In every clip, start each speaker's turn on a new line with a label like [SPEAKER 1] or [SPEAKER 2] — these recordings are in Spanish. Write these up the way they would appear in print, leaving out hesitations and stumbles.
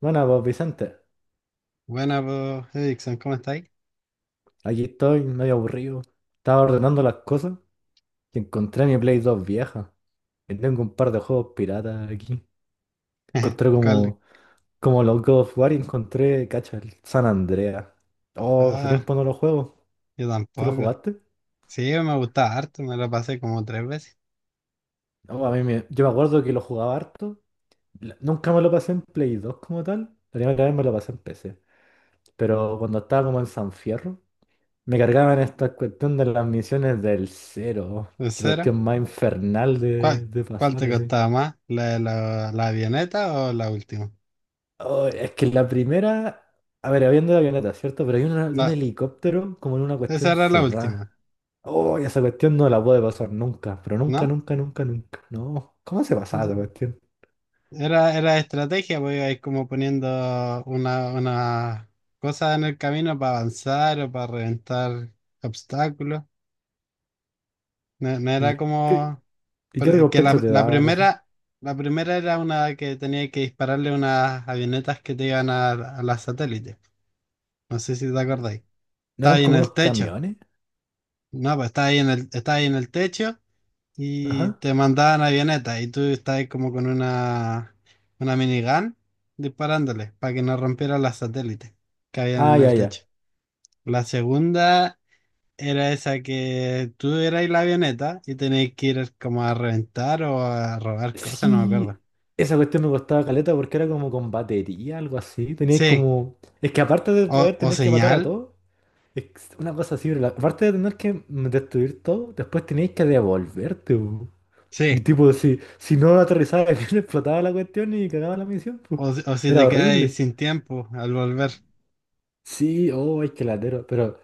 [SPEAKER 1] Bueno, pues Vicente,
[SPEAKER 2] Buena, pues, Erickson, ¿cómo estáis?
[SPEAKER 1] aquí estoy medio aburrido. Estaba ordenando las cosas y encontré mi Play 2 vieja. Y tengo un par de juegos piratas aquí. Encontré
[SPEAKER 2] Carl-
[SPEAKER 1] como los God of War y encontré, cacha, el San Andreas. Oh, hace
[SPEAKER 2] Ah,
[SPEAKER 1] tiempo no lo juego.
[SPEAKER 2] yo
[SPEAKER 1] ¿Tú lo
[SPEAKER 2] tampoco.
[SPEAKER 1] jugaste?
[SPEAKER 2] Sí, me gustaba harto, me lo pasé como tres veces.
[SPEAKER 1] No, yo me acuerdo que lo jugaba harto. Nunca me lo pasé en Play 2 como tal. La primera vez me lo pasé en PC. Pero cuando estaba como en San Fierro, me cargaban esta cuestión de las misiones del cero.
[SPEAKER 2] ¿En
[SPEAKER 1] Qué
[SPEAKER 2] serio?
[SPEAKER 1] cuestión más infernal de,
[SPEAKER 2] ¿Cuál,
[SPEAKER 1] de
[SPEAKER 2] cuál
[SPEAKER 1] pasar
[SPEAKER 2] te
[SPEAKER 1] así.
[SPEAKER 2] costaba más? ¿La avioneta o la última?
[SPEAKER 1] Oh, es que la primera. A ver, habiendo de avioneta, ¿cierto? Pero hay una de un
[SPEAKER 2] La,
[SPEAKER 1] helicóptero como en una
[SPEAKER 2] esa
[SPEAKER 1] cuestión
[SPEAKER 2] era la
[SPEAKER 1] cerrada.
[SPEAKER 2] última,
[SPEAKER 1] Oh, y esa cuestión no la puede pasar nunca. Pero nunca,
[SPEAKER 2] ¿no?
[SPEAKER 1] nunca, nunca, nunca. No. ¿Cómo se pasaba esa cuestión?
[SPEAKER 2] Era estrategia, pues ibais como poniendo una cosa en el camino para avanzar o para reventar obstáculos. No, no
[SPEAKER 1] ¿Y
[SPEAKER 2] era
[SPEAKER 1] qué,
[SPEAKER 2] como...
[SPEAKER 1] y qué
[SPEAKER 2] Porque que
[SPEAKER 1] recompensa
[SPEAKER 2] la,
[SPEAKER 1] te daban así?
[SPEAKER 2] la primera era una que tenía que dispararle unas avionetas que te iban a las satélites. No sé si te acordáis.
[SPEAKER 1] ¿No
[SPEAKER 2] Estaba
[SPEAKER 1] eran
[SPEAKER 2] ahí en
[SPEAKER 1] como
[SPEAKER 2] el
[SPEAKER 1] unos
[SPEAKER 2] techo.
[SPEAKER 1] camiones?
[SPEAKER 2] No, pues estaba ahí en el techo, y
[SPEAKER 1] Ajá.
[SPEAKER 2] te mandaban avionetas y tú estabas ahí como con una minigun disparándole para que no rompieran las satélites que habían
[SPEAKER 1] Ah,
[SPEAKER 2] en
[SPEAKER 1] ya,
[SPEAKER 2] el techo.
[SPEAKER 1] ya.
[SPEAKER 2] La segunda era esa que tú erais la avioneta y tenéis que ir como a reventar o a robar cosas, no me acuerdo.
[SPEAKER 1] Sí, esa cuestión me costaba caleta porque era como con batería, algo así. Tenías
[SPEAKER 2] Sí.
[SPEAKER 1] como. Es que aparte de
[SPEAKER 2] O,
[SPEAKER 1] poder
[SPEAKER 2] o
[SPEAKER 1] tener que matar
[SPEAKER 2] señal,
[SPEAKER 1] a todos, es una cosa así, pero aparte de tener que destruir todo, después tenías que devolverte, po. Y
[SPEAKER 2] sí.
[SPEAKER 1] tipo, si no aterrizaba bien, explotaba la cuestión y cagaba la misión,
[SPEAKER 2] O,
[SPEAKER 1] po.
[SPEAKER 2] si- o si
[SPEAKER 1] Era
[SPEAKER 2] te quedas
[SPEAKER 1] horrible.
[SPEAKER 2] sin tiempo al volver.
[SPEAKER 1] Sí, oh, es que latero. Pero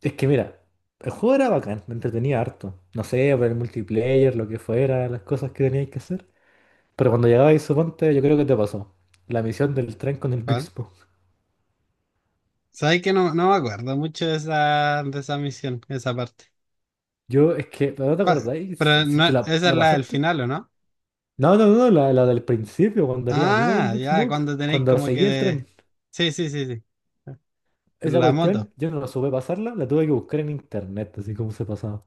[SPEAKER 1] es que mira, el juego era bacán, me entretenía harto. No sé, por el multiplayer, lo que fuera, las cosas que teníais que hacer. Pero cuando llegabais, suponte, yo creo que te pasó. La misión del tren con el Big
[SPEAKER 2] ¿Cuál?
[SPEAKER 1] Smoke.
[SPEAKER 2] Sabes que no, no me acuerdo mucho de esa, misión, esa parte.
[SPEAKER 1] Yo, es que, ¿no te
[SPEAKER 2] ¿Cuál?
[SPEAKER 1] acordáis?
[SPEAKER 2] Pero
[SPEAKER 1] Si
[SPEAKER 2] no,
[SPEAKER 1] te la,
[SPEAKER 2] esa es
[SPEAKER 1] la
[SPEAKER 2] la del
[SPEAKER 1] pasaste.
[SPEAKER 2] final, ¿o no?
[SPEAKER 1] No, no, no, la del principio, cuando era amigo del
[SPEAKER 2] Ah,
[SPEAKER 1] Big
[SPEAKER 2] ya,
[SPEAKER 1] Smoke.
[SPEAKER 2] cuando tenéis
[SPEAKER 1] Cuando
[SPEAKER 2] como
[SPEAKER 1] seguí el
[SPEAKER 2] que...
[SPEAKER 1] tren.
[SPEAKER 2] Sí, sí, sí, sí.
[SPEAKER 1] Esa
[SPEAKER 2] La moto.
[SPEAKER 1] cuestión, yo no la supe pasarla, la tuve que buscar en internet, así como se pasaba.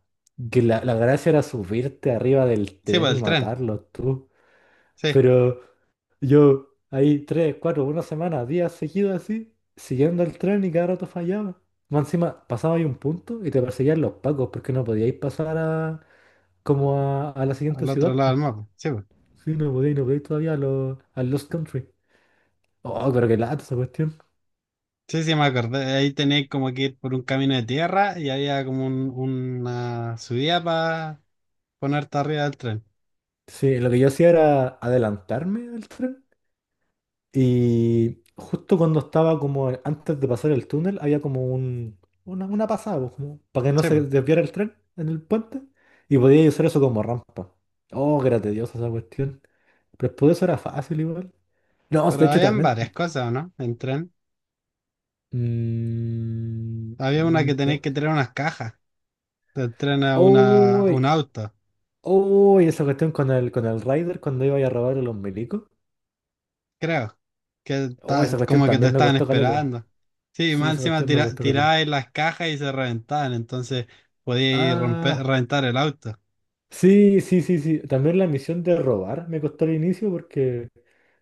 [SPEAKER 1] Que la gracia era subirte arriba del
[SPEAKER 2] Sí,
[SPEAKER 1] tren
[SPEAKER 2] pues
[SPEAKER 1] y
[SPEAKER 2] el tren.
[SPEAKER 1] matarlos tú.
[SPEAKER 2] Sí,
[SPEAKER 1] Pero yo ahí tres, cuatro, una semana, días seguidos así, siguiendo el tren y cada rato fallaba. Más encima pasaba ahí un punto y te perseguían los pacos porque no podíais pasar como a la siguiente
[SPEAKER 2] al otro
[SPEAKER 1] ciudad,
[SPEAKER 2] lado
[SPEAKER 1] pues.
[SPEAKER 2] del mapa. Sí, pues.
[SPEAKER 1] Sí, no podíais, no podíais todavía a Lost Country. Oh, pero qué lata esa cuestión.
[SPEAKER 2] Sí, sí, me acordé. Ahí tenéis como que ir por un camino de tierra y había como una subida para ponerte arriba del tren.
[SPEAKER 1] Sí, lo que yo hacía era adelantarme al tren y justo cuando estaba como antes de pasar el túnel, había una pasada, pues, como para que no
[SPEAKER 2] Sí,
[SPEAKER 1] se
[SPEAKER 2] pues.
[SPEAKER 1] desviara el tren en el puente. Y podía usar eso como rampa. Oh, que era tediosa esa cuestión. Pero después de eso era fácil igual. No, de
[SPEAKER 2] Pero
[SPEAKER 1] hecho
[SPEAKER 2] habían
[SPEAKER 1] también.
[SPEAKER 2] varias cosas, ¿o no? En tren.
[SPEAKER 1] mm,
[SPEAKER 2] Había una que tenéis
[SPEAKER 1] no.
[SPEAKER 2] que traer unas cajas, te traen a una, a un
[SPEAKER 1] Uy,
[SPEAKER 2] auto,
[SPEAKER 1] uy, esa cuestión con el Rider cuando iba a robar a los milicos.
[SPEAKER 2] creo, que
[SPEAKER 1] Oh, esa cuestión
[SPEAKER 2] como que te
[SPEAKER 1] también me
[SPEAKER 2] estaban
[SPEAKER 1] costó caleta.
[SPEAKER 2] esperando. Sí,
[SPEAKER 1] Sí,
[SPEAKER 2] más
[SPEAKER 1] esa
[SPEAKER 2] encima
[SPEAKER 1] cuestión me costó caleta.
[SPEAKER 2] tirabais las cajas y se reventaban, entonces podíais romper,
[SPEAKER 1] Ah,
[SPEAKER 2] reventar el auto.
[SPEAKER 1] sí, sí, sí, sí. También la misión de robar me costó al inicio porque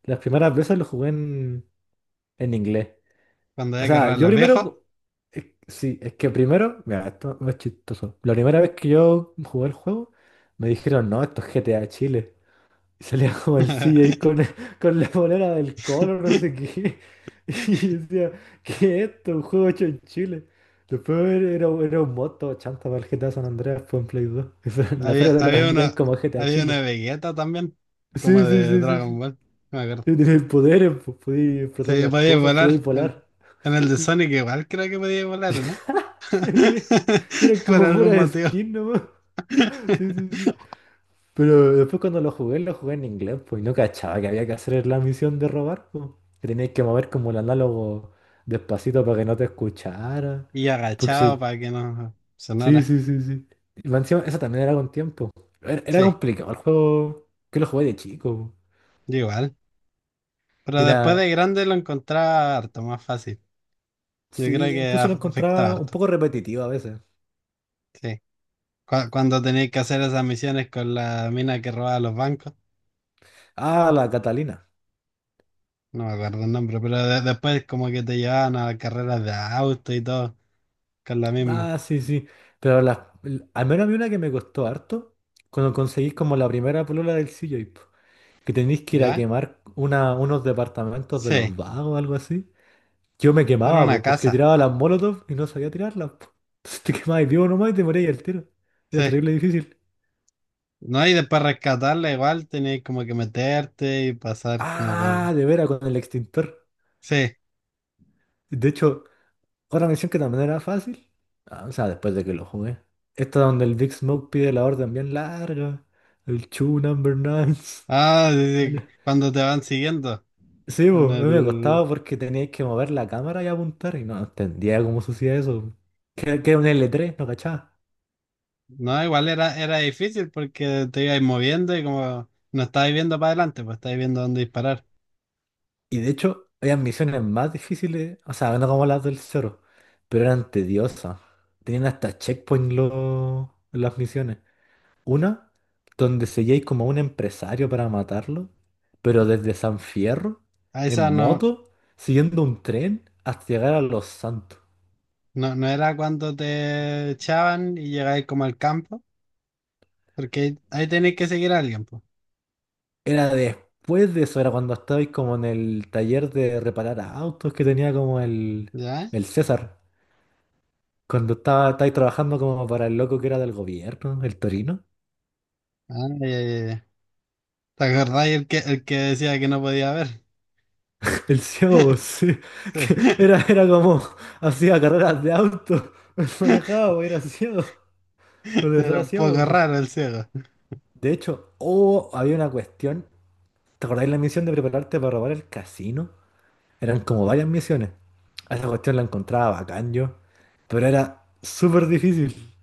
[SPEAKER 1] las primeras veces lo jugué en inglés.
[SPEAKER 2] Cuando
[SPEAKER 1] O
[SPEAKER 2] había que
[SPEAKER 1] sea, yo
[SPEAKER 2] robarle viejos,
[SPEAKER 1] primero... sí, es que primero... Mira, esto es chistoso. La primera vez que yo jugué el juego, me dijeron, no, esto es GTA Chile. Y salía como el CJ con, con la polera del Colo, no sé qué. Y yo decía, ¿qué es esto? Un juego hecho en Chile. Después era un moto chanta para el GTA San Andreas, fue en Play 2. Eso, en la
[SPEAKER 2] había,
[SPEAKER 1] feria te lo
[SPEAKER 2] había
[SPEAKER 1] vendían
[SPEAKER 2] una,
[SPEAKER 1] como GTA
[SPEAKER 2] había una
[SPEAKER 1] Chile.
[SPEAKER 2] Vegeta también, como
[SPEAKER 1] Sí, sí,
[SPEAKER 2] de
[SPEAKER 1] sí, sí,
[SPEAKER 2] Dragon
[SPEAKER 1] sí.
[SPEAKER 2] Ball, no me acuerdo.
[SPEAKER 1] Y tenías poderes, pues podías explotar
[SPEAKER 2] Sí,
[SPEAKER 1] las
[SPEAKER 2] podía
[SPEAKER 1] cosas, podías
[SPEAKER 2] volar, en,
[SPEAKER 1] volar.
[SPEAKER 2] en el de
[SPEAKER 1] Sí.
[SPEAKER 2] Sonic igual creo que podía volar, ¿o no?
[SPEAKER 1] Y eran
[SPEAKER 2] Por
[SPEAKER 1] como
[SPEAKER 2] algún
[SPEAKER 1] pura
[SPEAKER 2] motivo.
[SPEAKER 1] skin nomás. Sí, sí, sí. Pero después cuando lo jugué en inglés, pues, y no cachaba que había que hacer la misión de robar, pues. Que tenías que mover como el análogo despacito para que no te escuchara.
[SPEAKER 2] Y
[SPEAKER 1] Porque
[SPEAKER 2] agachado
[SPEAKER 1] sí,
[SPEAKER 2] para que no
[SPEAKER 1] sí,
[SPEAKER 2] sonara.
[SPEAKER 1] sí, sí, sí. Y más encima, eso también era con tiempo. Era
[SPEAKER 2] Sí,
[SPEAKER 1] complicado el juego, que lo jugué de chico. Po.
[SPEAKER 2] yo igual. Pero
[SPEAKER 1] Y
[SPEAKER 2] después
[SPEAKER 1] la...
[SPEAKER 2] de grande lo encontraba harto más fácil. Yo creo
[SPEAKER 1] Sí,
[SPEAKER 2] que
[SPEAKER 1] incluso lo
[SPEAKER 2] afecta
[SPEAKER 1] encontraba un
[SPEAKER 2] harto.
[SPEAKER 1] poco repetitivo a veces.
[SPEAKER 2] Sí. Cuando tenéis que hacer esas misiones con la mina que robaba los bancos.
[SPEAKER 1] Ah, la Catalina.
[SPEAKER 2] No me acuerdo el nombre, pero después como que te llevaban a carreras de auto y todo con la misma.
[SPEAKER 1] Ah, sí, sí. Pero al menos a mí una que me costó harto, cuando conseguís como la primera polola del CJ, po, que tenéis que ir a
[SPEAKER 2] ¿Ya?
[SPEAKER 1] quemar unos departamentos de
[SPEAKER 2] Sí.
[SPEAKER 1] los vagos o algo así. Yo me
[SPEAKER 2] Era
[SPEAKER 1] quemaba, pues,
[SPEAKER 2] una
[SPEAKER 1] porque
[SPEAKER 2] casa.
[SPEAKER 1] tiraba las molotov y no sabía tirarlas, po. Entonces te quemabas vivo nomás y te morías al tiro. Era
[SPEAKER 2] Sí.
[SPEAKER 1] terrible difícil.
[SPEAKER 2] No, y después rescatarla igual tenéis como que meterte y pasar como por...
[SPEAKER 1] Ah, de veras, con el extintor.
[SPEAKER 2] Sí.
[SPEAKER 1] De hecho, otra misión que también era fácil. Ah, o sea, después de que lo jugué. Esta donde el Big Smoke pide la orden bien larga. El Chu Number Nine.
[SPEAKER 2] Ah, sí, sí, cuando te van siguiendo.
[SPEAKER 1] Sí,
[SPEAKER 2] En
[SPEAKER 1] po, a mí me
[SPEAKER 2] el...
[SPEAKER 1] costaba porque teníais que mover la cámara y apuntar y no entendía cómo se hacía eso. Que era un L3 no cachaba.
[SPEAKER 2] No, igual era difícil porque te ibas moviendo y como no estabas viendo para adelante, pues estabas viendo dónde disparar.
[SPEAKER 1] Y de hecho, había misiones más difíciles, o sea, no como las del Zoro, pero eran tediosas. Tenían hasta checkpoint las misiones. Una donde seguíais como a un empresario para matarlo, pero desde San Fierro,
[SPEAKER 2] A
[SPEAKER 1] en
[SPEAKER 2] esa no,
[SPEAKER 1] moto, siguiendo un tren hasta llegar a Los Santos.
[SPEAKER 2] no, no era cuando te echaban y llegabas como al campo, porque ahí tenéis que seguir a alguien, pues.
[SPEAKER 1] Era después de eso, era cuando estabais como en el taller de reparar autos que tenía como
[SPEAKER 2] ¿Ya?
[SPEAKER 1] el César. Cuando estaba, estáis trabajando como para el loco que era del gobierno, el Torino.
[SPEAKER 2] Ah, ya, ya, ya. ¿Te acordáis el que decía que no podía ver?
[SPEAKER 1] El ciego, sí. Era como hacía carreras de auto, manejaba, era ciego.
[SPEAKER 2] Sí.
[SPEAKER 1] De verdad
[SPEAKER 2] Era
[SPEAKER 1] era
[SPEAKER 2] un poco
[SPEAKER 1] ciego.
[SPEAKER 2] raro el ciego.
[SPEAKER 1] De hecho, oh, había una cuestión. ¿Te acordáis la misión de prepararte para robar el casino? Eran como varias misiones. A esa cuestión la encontraba bacán yo, pero era súper difícil.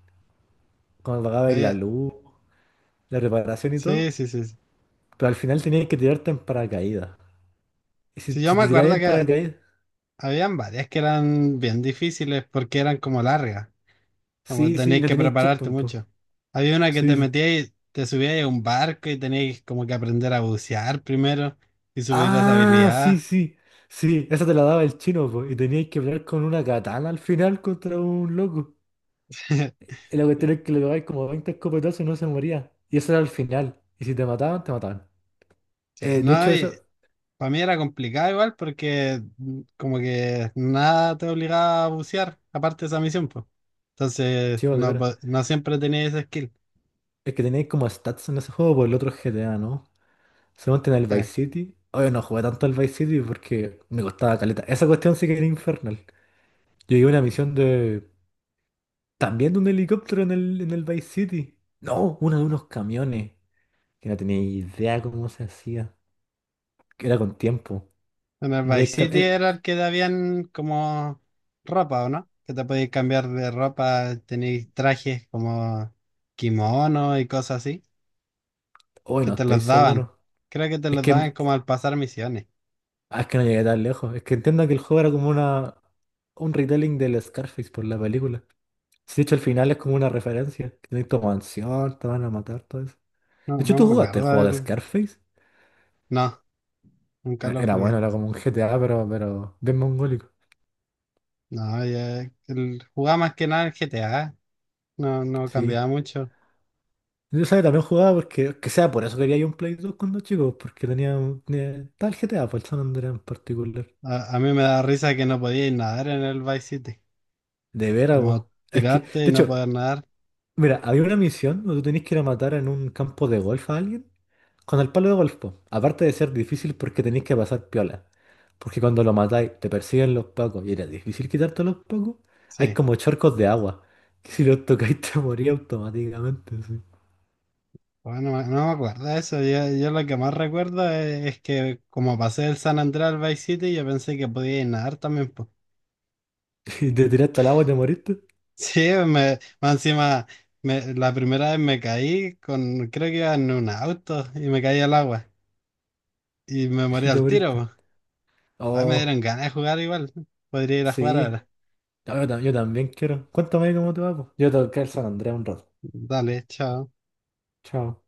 [SPEAKER 1] Cuando pagabais la
[SPEAKER 2] Había-
[SPEAKER 1] luz, la reparación y todo,
[SPEAKER 2] Sí, sí, sí, sí.
[SPEAKER 1] pero al final teníais que tirarte en paracaídas. Y si,
[SPEAKER 2] Sí, yo
[SPEAKER 1] si
[SPEAKER 2] me
[SPEAKER 1] te tirabais
[SPEAKER 2] acuerdo
[SPEAKER 1] en
[SPEAKER 2] que
[SPEAKER 1] paracaídas,
[SPEAKER 2] habían varias que eran bien difíciles porque eran como largas. Como
[SPEAKER 1] sí, sí, y
[SPEAKER 2] tenéis
[SPEAKER 1] no
[SPEAKER 2] que
[SPEAKER 1] teníais
[SPEAKER 2] prepararte
[SPEAKER 1] checkpoint, pues.
[SPEAKER 2] mucho. Había una que te
[SPEAKER 1] Sí, sí.
[SPEAKER 2] metías y te subías a un barco y tenías como que aprender a bucear primero y subir esa
[SPEAKER 1] Ah, sí,
[SPEAKER 2] habilidad.
[SPEAKER 1] sí. Sí, esa te la daba el chino, pues. Y teníais que pelear con una katana al final contra un loco. Y la cuestión es que le pegáis como 20 escopetazos y no se moría. Y eso era el final. Y si te mataban, te mataban.
[SPEAKER 2] Sí.
[SPEAKER 1] De
[SPEAKER 2] No,
[SPEAKER 1] hecho, eso,
[SPEAKER 2] para mí era complicado igual porque como que nada te obligaba a bucear, aparte de esa misión, pues. Entonces,
[SPEAKER 1] chivo, de
[SPEAKER 2] no,
[SPEAKER 1] veras.
[SPEAKER 2] no siempre tenía ese skill.
[SPEAKER 1] Es que tenéis como stats en ese juego por el otro GTA, ¿no? Solamente en el
[SPEAKER 2] Sí.
[SPEAKER 1] Vice City. Oye, no jugué tanto al Vice City porque me costaba caleta. Esa cuestión sí que era infernal. Yo llegué a una misión de. También de un helicóptero en el Vice City. No, una de unos camiones. Que no tenía idea cómo se hacía. Que era con tiempo.
[SPEAKER 2] En el Vice City
[SPEAKER 1] Era-
[SPEAKER 2] era el que te habían como ropa, ¿o no? Que te podías cambiar de ropa, tenéis trajes como kimono y cosas así,
[SPEAKER 1] Oye,
[SPEAKER 2] que
[SPEAKER 1] no
[SPEAKER 2] te
[SPEAKER 1] estoy
[SPEAKER 2] los daban.
[SPEAKER 1] seguro.
[SPEAKER 2] Creo que te
[SPEAKER 1] Es
[SPEAKER 2] los daban
[SPEAKER 1] que
[SPEAKER 2] como al pasar misiones.
[SPEAKER 1] ah, es que no llegué tan lejos. Es que entiendo que el juego era como una un retelling del Scarface por la película. Si de hecho al final es como una referencia. Que tenés tu mansión, te van a matar, todo eso.
[SPEAKER 2] No,
[SPEAKER 1] De hecho,
[SPEAKER 2] no
[SPEAKER 1] ¿tú
[SPEAKER 2] me
[SPEAKER 1] jugaste el
[SPEAKER 2] acuerdo
[SPEAKER 1] juego de
[SPEAKER 2] del...
[SPEAKER 1] Scarface?
[SPEAKER 2] No, nunca lo
[SPEAKER 1] Era bueno,
[SPEAKER 2] jugué.
[SPEAKER 1] era como un GTA, pero bien mongólico.
[SPEAKER 2] No, ya... jugaba más que nada el GTA. No, no
[SPEAKER 1] Sí.
[SPEAKER 2] cambiaba mucho.
[SPEAKER 1] Yo sabía, también jugaba porque, que sea, por eso quería yo un Play 2 cuando chico, porque tenía, tenía tal GTA, por el San Andreas en particular.
[SPEAKER 2] A mí me da risa que no podía ir nadar en el Vice City.
[SPEAKER 1] De veras, vos.
[SPEAKER 2] Como
[SPEAKER 1] Es que,
[SPEAKER 2] tirarte y
[SPEAKER 1] de
[SPEAKER 2] no
[SPEAKER 1] hecho,
[SPEAKER 2] poder nadar.
[SPEAKER 1] mira, había una misión donde tú tenías que ir a matar en un campo de golf a alguien. Con el palo de golf, po. Aparte de ser difícil porque tenéis que pasar piola, porque cuando lo matáis te persiguen los pacos y era difícil quitarte los pacos, hay
[SPEAKER 2] Sí.
[SPEAKER 1] como charcos de agua, que si los tocáis te morís automáticamente, sí.
[SPEAKER 2] Bueno, no me acuerdo de eso. Yo lo que más recuerdo es que como pasé del San Andrés al Vice City, yo pensé que podía ir nadar también.
[SPEAKER 1] Y te tiraste al agua y te moriste,
[SPEAKER 2] Sí, más encima, la primera vez me caí con, creo que iba en un auto y me caí al agua y me morí
[SPEAKER 1] y te
[SPEAKER 2] al tiro,
[SPEAKER 1] moriste.
[SPEAKER 2] po. Ay, me dieron
[SPEAKER 1] Oh,
[SPEAKER 2] ganas de jugar igual. Podría ir a jugar
[SPEAKER 1] sí,
[SPEAKER 2] ahora.
[SPEAKER 1] no, yo, yo también quiero. Cuéntame cómo te va, po. Yo tengo que ir a San Andrés un rato.
[SPEAKER 2] Dale, chao.
[SPEAKER 1] Chao.